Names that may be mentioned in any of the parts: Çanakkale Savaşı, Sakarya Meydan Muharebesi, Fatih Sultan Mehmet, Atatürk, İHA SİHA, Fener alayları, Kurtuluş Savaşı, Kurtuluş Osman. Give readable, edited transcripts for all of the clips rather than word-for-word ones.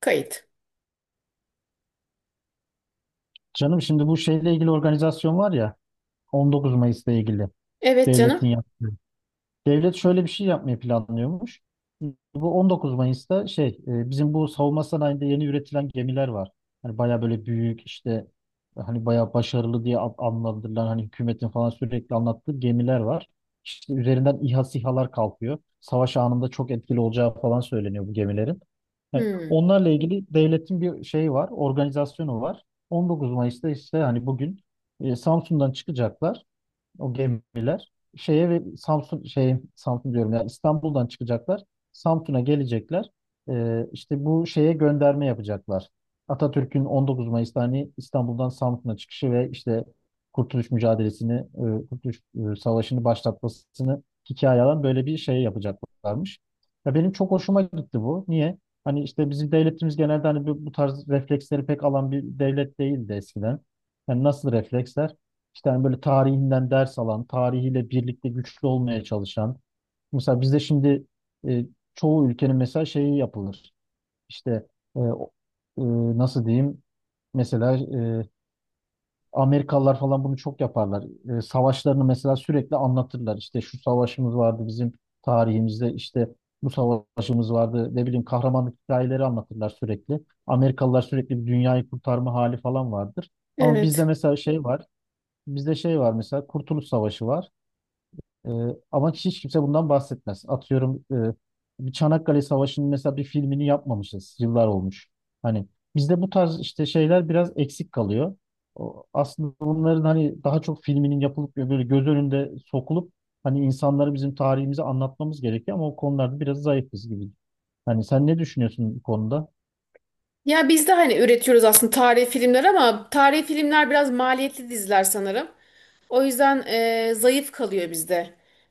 Kayıt. Canım şimdi bu şeyle ilgili organizasyon var ya, 19 Mayıs'la ilgili Evet canım. devletin yaptığı. Devlet şöyle bir şey yapmayı planlıyormuş. Bu 19 Mayıs'ta bizim bu savunma sanayinde yeni üretilen gemiler var. Hani baya böyle büyük işte hani baya başarılı diye adlandırılan, hani hükümetin falan sürekli anlattığı gemiler var. İşte üzerinden İHA SİHA'lar kalkıyor. Savaş anında çok etkili olacağı falan söyleniyor bu gemilerin. Yani Hmm, onlarla ilgili devletin bir şeyi var, organizasyonu var. 19 Mayıs'ta işte hani bugün Samsun'dan çıkacaklar o gemiler şeye, ve Samsun diyorum, yani İstanbul'dan çıkacaklar. Samsun'a gelecekler. İşte bu şeye gönderme yapacaklar. Atatürk'ün 19 Mayıs'ta hani İstanbul'dan Samsun'a çıkışı ve işte Kurtuluş mücadelesini, Kurtuluş Savaşı'nı başlatmasını hikaye alan böyle bir şey yapacaklarmış. Ya benim çok hoşuma gitti bu. Niye? Hani işte bizim devletimiz genelde hani bu tarz refleksleri pek alan bir devlet değildi eskiden. Yani nasıl refleksler? İşte hani böyle tarihinden ders alan, tarihiyle birlikte güçlü olmaya çalışan. Mesela bizde şimdi e, çoğu ülkenin mesela şeyi yapılır. İşte e, o- e, Nasıl diyeyim? Mesela e, Amerikalılar falan bunu çok yaparlar. Savaşlarını mesela sürekli anlatırlar. İşte şu savaşımız vardı bizim tarihimizde, işte bu savaşımız vardı. Ne bileyim, kahramanlık hikayeleri anlatırlar sürekli. Amerikalılar sürekli bir dünyayı kurtarma hali falan vardır. Ama bizde evet. mesela şey var. Bizde şey var mesela, Kurtuluş Savaşı var. Ee, Ama hiç kimse bundan bahsetmez. Atıyorum, bir Çanakkale Savaşı'nın mesela bir filmini yapmamışız. Yıllar olmuş. Hani bizde bu tarz işte şeyler biraz eksik kalıyor. O, aslında bunların hani daha çok filminin yapılıp ve böyle göz önünde sokulup hani insanlara bizim tarihimizi anlatmamız gerekiyor, ama o konularda biraz zayıfız gibi. Hani sen ne düşünüyorsun bu konuda? Ya biz de hani üretiyoruz aslında tarihi filmler ama tarihi filmler biraz maliyetli diziler sanırım. O yüzden zayıf kalıyor bizde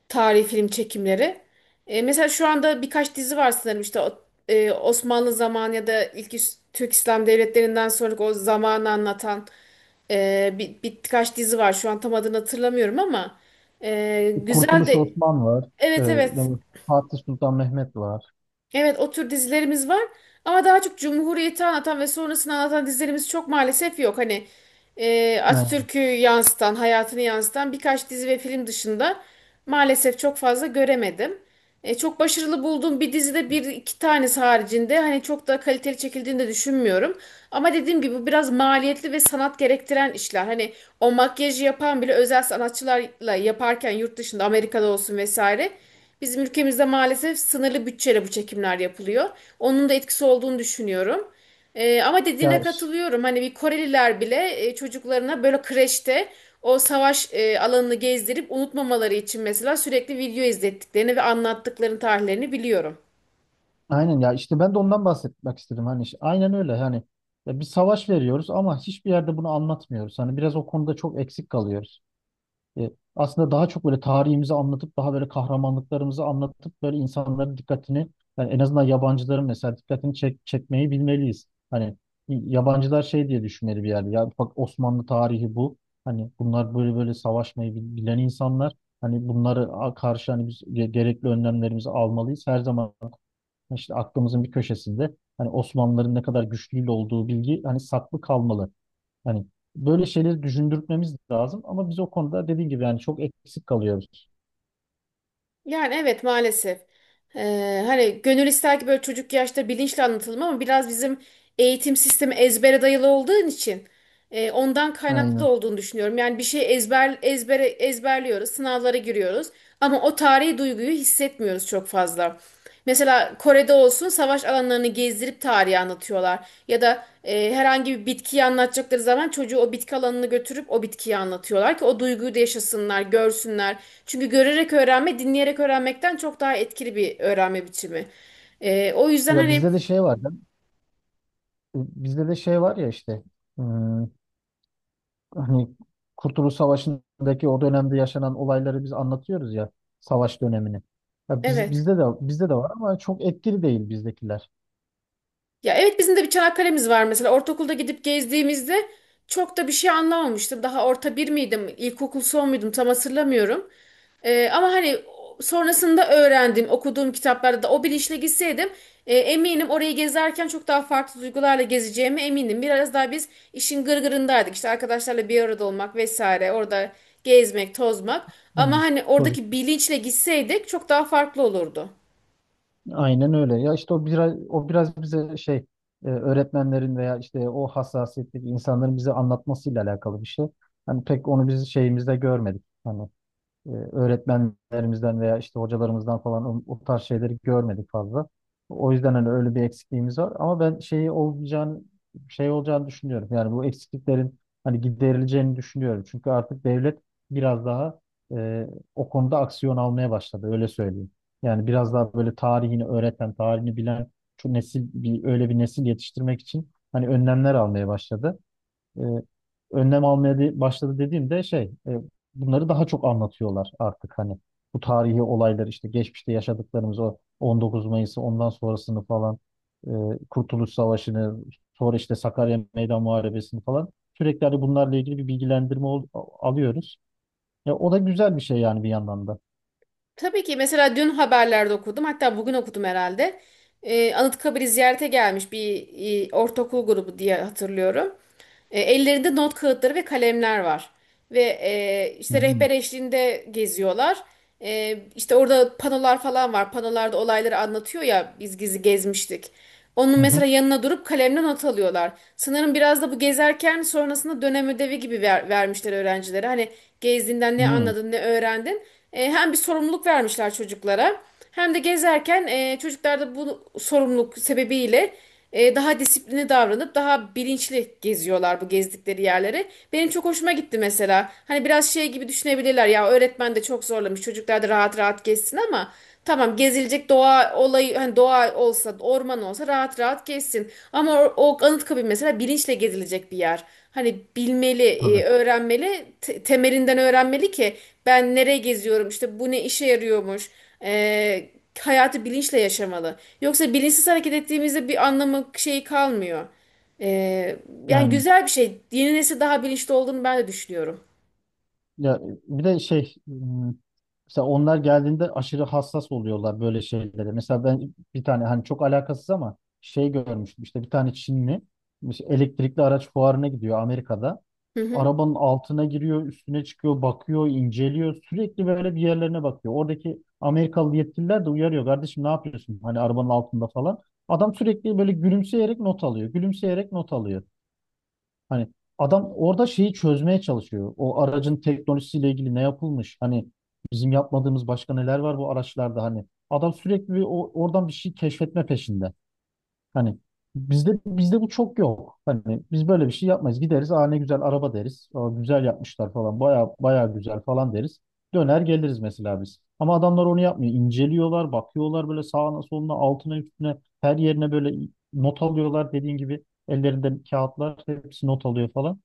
tarihi film çekimleri. Mesela şu anda birkaç dizi var sanırım işte Osmanlı zamanı ya da ilk Türk İslam devletlerinden sonraki o zamanı anlatan bir, birkaç dizi var. Şu an tam adını hatırlamıyorum ama güzel Kurtuluş de Osman var. evet Ee, evet. Fatih Sultan Mehmet var. Evet o tür dizilerimiz var ama daha çok Cumhuriyeti anlatan ve sonrasını anlatan dizilerimiz çok maalesef yok. Hani Aynen. Atatürk'ü yansıtan, hayatını yansıtan birkaç dizi ve film dışında maalesef çok fazla göremedim. Çok başarılı bulduğum bir dizide bir iki tanesi haricinde hani çok da kaliteli çekildiğini de düşünmüyorum. Ama dediğim gibi bu biraz maliyetli ve sanat gerektiren işler. Hani o makyajı yapan bile özel sanatçılarla yaparken yurt dışında Amerika'da olsun vesaire. Bizim ülkemizde maalesef sınırlı bütçeyle bu çekimler yapılıyor. Onun da etkisi olduğunu düşünüyorum. Ama dediğine Ya, katılıyorum. Hani bir Koreliler bile çocuklarına böyle kreşte o savaş alanını gezdirip unutmamaları için mesela sürekli video izlettiklerini ve anlattıklarını, tarihlerini biliyorum. aynen ya, işte ben de ondan bahsetmek istedim. Hani işte aynen öyle, hani ya, bir savaş veriyoruz ama hiçbir yerde bunu anlatmıyoruz. Hani biraz o konuda çok eksik kalıyoruz. E, Aslında daha çok böyle tarihimizi anlatıp, daha böyle kahramanlıklarımızı anlatıp, böyle insanların dikkatini, yani en azından yabancıların mesela dikkatini çekmeyi bilmeliyiz. Hani yabancılar şey diye düşünmeli bir yerde. Ya bak, Osmanlı tarihi bu. Hani bunlar böyle böyle savaşmayı bilen insanlar. Hani bunları karşı hani biz gerekli önlemlerimizi almalıyız. Her zaman işte aklımızın bir köşesinde hani Osmanlıların ne kadar güçlü olduğu bilgi hani saklı kalmalı. Hani böyle şeyleri düşündürtmemiz lazım, ama biz o konuda dediğim gibi yani çok eksik kalıyoruz. Yani evet maalesef. Hani gönül ister ki böyle çocuk yaşta bilinçli anlatılma ama biraz bizim eğitim sistemi ezbere dayalı olduğu için. Ondan kaynaklı da Aynen. olduğunu düşünüyorum. Yani bir şey ezber ezberliyoruz, sınavlara giriyoruz ama o tarihi duyguyu hissetmiyoruz çok fazla. Mesela Kore'de olsun savaş alanlarını gezdirip tarihi anlatıyorlar. Ya da herhangi bir bitkiyi anlatacakları zaman çocuğu o bitki alanını götürüp o bitkiyi anlatıyorlar ki o duyguyu da yaşasınlar, görsünler. Çünkü görerek öğrenme, dinleyerek öğrenmekten çok daha etkili bir öğrenme biçimi. O yüzden Ya hani bizde de şey var. Ya, bizde de şey var ya, işte hmm, hani Kurtuluş Savaşı'ndaki o dönemde yaşanan olayları biz anlatıyoruz ya, savaş dönemini. Ya biz, evet. Bizde de var ama çok etkili değil bizdekiler. Ya evet bizim de bir Çanakkale'miz var mesela. Ortaokulda gidip gezdiğimizde çok da bir şey anlamamıştım. Daha orta bir miydim, ilkokul son muydum tam hatırlamıyorum. Ama hani sonrasında öğrendim, okuduğum kitaplarda da o bilinçle gitseydim eminim orayı gezerken çok daha farklı duygularla gezeceğime eminim. Biraz daha biz işin gırgırındaydık. İşte arkadaşlarla bir arada olmak vesaire, orada gezmek, tozmak. Ama Aynen. hani oradaki bilinçle gitseydik çok daha farklı olurdu. Aynen öyle. Ya işte o biraz bize şey, öğretmenlerin veya işte o hassasiyetteki insanların bize anlatmasıyla alakalı bir şey. Hani pek onu biz şeyimizde görmedik. Hani öğretmenlerimizden veya işte hocalarımızdan falan o tarz şeyleri görmedik fazla. O yüzden hani öyle bir eksikliğimiz var. Ama ben şey olacağını düşünüyorum. Yani bu eksikliklerin hani giderileceğini düşünüyorum. Çünkü artık devlet biraz daha e, o konuda aksiyon almaya başladı. Öyle söyleyeyim. Yani biraz daha böyle tarihini öğreten, tarihini bilen şu nesil, bir öyle bir nesil yetiştirmek için hani önlemler almaya başladı. e, Önlem almaya başladı dediğimde bunları daha çok anlatıyorlar artık hani bu tarihi olaylar, işte geçmişte yaşadıklarımız, o 19 Mayıs'ı, ondan sonrasını falan, e, Kurtuluş Savaşı'nı, sonra işte Sakarya Meydan Muharebesi'ni falan, sürekli hani bunlarla ilgili bir bilgilendirme alıyoruz. Ya o da güzel bir şey yani bir yandan da. Tabii ki mesela dün haberlerde okudum hatta bugün okudum herhalde. Anıtkabir'i ziyarete gelmiş bir ortaokul grubu diye hatırlıyorum. Ellerinde not kağıtları ve kalemler var. Ve Hı işte hı. rehber eşliğinde geziyorlar. İşte orada panolar falan var. Panolarda olayları anlatıyor ya biz gizli gezmiştik. Onun Hı mesela hı. yanına durup kalemle not alıyorlar. Sanırım biraz da bu gezerken sonrasında dönem ödevi gibi vermişler öğrencilere. Hani gezdiğinden ne Hı. anladın, ne öğrendin. Hem bir sorumluluk vermişler çocuklara hem de gezerken çocuklar da bu sorumluluk sebebiyle daha disiplinli davranıp daha bilinçli geziyorlar bu gezdikleri yerleri. Benim çok hoşuma gitti mesela. Hani biraz şey gibi düşünebilirler ya öğretmen de çok zorlamış çocuklar da rahat rahat gezsin ama tamam gezilecek doğa olayı hani doğa olsa orman olsa rahat rahat gezsin. Ama o Anıtkabir mesela bilinçle gezilecek bir yer. Hani bilmeli, Tabii. öğrenmeli, temelinden öğrenmeli ki ben nereye geziyorum, işte bu ne işe yarıyormuş. E, hayatı bilinçle yaşamalı. Yoksa bilinçsiz hareket ettiğimizde bir anlamı şeyi kalmıyor. E, yani Aynen. güzel bir şey. Yeni nesil daha bilinçli olduğunu ben de düşünüyorum. Ya bir de mesela onlar geldiğinde aşırı hassas oluyorlar böyle şeylere. Mesela ben bir tane hani çok alakasız ama şey görmüştüm, işte bir tane Çinli işte elektrikli araç fuarına gidiyor Amerika'da. Hı hı. Arabanın altına giriyor, üstüne çıkıyor, bakıyor, inceliyor. Sürekli böyle bir yerlerine bakıyor. Oradaki Amerikalı yetkililer de uyarıyor. Kardeşim, ne yapıyorsun? Hani arabanın altında falan. Adam sürekli böyle gülümseyerek not alıyor. Gülümseyerek not alıyor. Hani adam orada şeyi çözmeye çalışıyor. O aracın teknolojisiyle ilgili ne yapılmış? Hani bizim yapmadığımız başka neler var bu araçlarda hani? Adam sürekli bir oradan bir şey keşfetme peşinde. Hani bizde bu çok yok. Hani biz böyle bir şey yapmayız. Gideriz, aa ne güzel araba deriz. Aa, güzel yapmışlar falan. Baya baya güzel falan deriz. Döner geliriz mesela biz. Ama adamlar onu yapmıyor. İnceliyorlar, bakıyorlar böyle sağına soluna, altına üstüne, her yerine böyle not alıyorlar dediğin gibi. Ellerinde kağıtlar, hepsi not alıyor falan.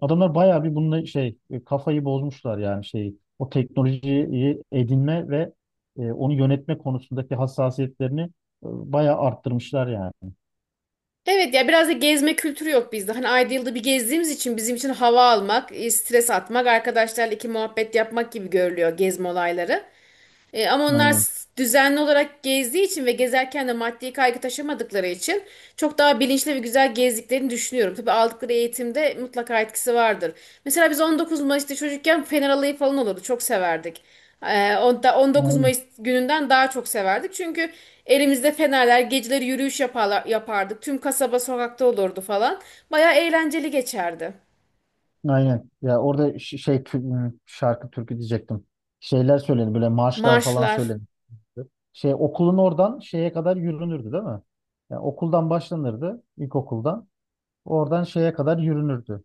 Adamlar bayağı bir bununla kafayı bozmuşlar yani, şey o teknolojiyi edinme ve onu yönetme konusundaki hassasiyetlerini bayağı arttırmışlar yani. Evet ya biraz da gezme kültürü yok bizde. Hani ayda yılda bir gezdiğimiz için bizim için hava almak, stres atmak, arkadaşlarla iki muhabbet yapmak gibi görülüyor gezme olayları. Ama onlar Aynen. Düzenli olarak gezdiği için ve gezerken de maddi kaygı taşımadıkları için çok daha bilinçli ve güzel gezdiklerini düşünüyorum. Tabii aldıkları eğitimde mutlaka etkisi vardır. Mesela biz 19 Mayıs'ta çocukken Fener Alayı falan olurdu. Çok severdik. 19 Aynen. Mayıs gününden daha çok severdik. Çünkü elimizde fenerler, geceleri yürüyüş yapardık. Tüm kasaba sokakta olurdu falan. Bayağı eğlenceli geçerdi. Aynen. Ya orada şarkı türkü diyecektim. Şeyler söyledi böyle, marşlar falan Marşlar. söyledi. Şey, okulun oradan şeye kadar yürünürdü değil mi? Yani okuldan başlanırdı, ilkokuldan. Oradan şeye kadar yürünürdü.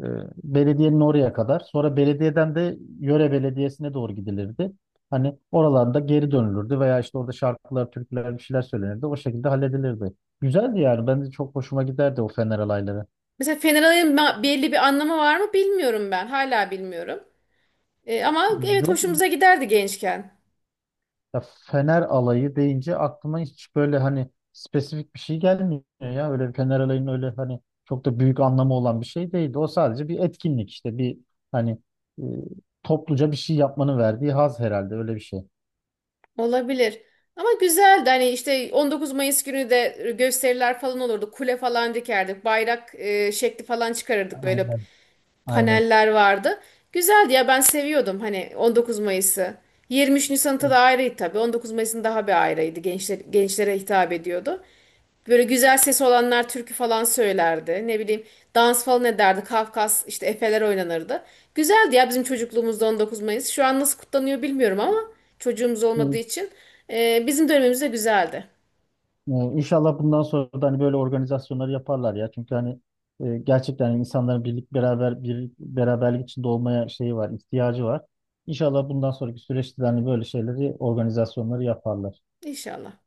Ee, Belediyenin oraya kadar. Sonra belediyeden de yöre belediyesine doğru gidilirdi. Hani oralarda geri dönülürdü veya işte orada şarkılar, türküler, bir şeyler söylenirdi. O şekilde halledilirdi. Güzeldi yani. Ben de çok hoşuma giderdi o Fener alayları. Mesela Fener Alayı'nın belli bir anlamı var mı bilmiyorum ben. Hala bilmiyorum. Ama evet Yok. hoşumuza giderdi gençken. Ya, Fener alayı deyince aklıma hiç böyle hani spesifik bir şey gelmiyor ya. Öyle bir Fener alayının öyle hani çok da büyük anlamı olan bir şey değildi. O sadece bir etkinlik, işte bir, hani e, topluca bir şey yapmanın verdiği haz, herhalde öyle bir şey. Olabilir. Ama güzeldi hani işte 19 Mayıs günü de gösteriler falan olurdu. Kule falan dikerdik. Bayrak şekli falan çıkarırdık. Böyle Aynen. Aynen. paneller vardı. Güzeldi ya ben seviyordum hani 19 Mayıs'ı. 23 Nisan'ta da ayrıydı tabii. 19 Mayıs'ın daha bir ayrıydı. Gençler, gençlere hitap ediyordu. Böyle güzel sesi olanlar türkü falan söylerdi. Ne bileyim dans falan ederdi. Kafkas işte efeler oynanırdı. Güzeldi ya bizim çocukluğumuzda 19 Mayıs. Şu an nasıl kutlanıyor bilmiyorum ama çocuğumuz olmadığı Bu, için. Bizim dönemimizde güzeldi. İnşallah bundan sonra da hani böyle organizasyonları yaparlar ya. Çünkü hani gerçekten insanların birlik beraber bir beraberlik içinde olmaya şeyi var, ihtiyacı var. İnşallah bundan sonraki süreçte de hani böyle şeyleri, organizasyonları yaparlar. İnşallah.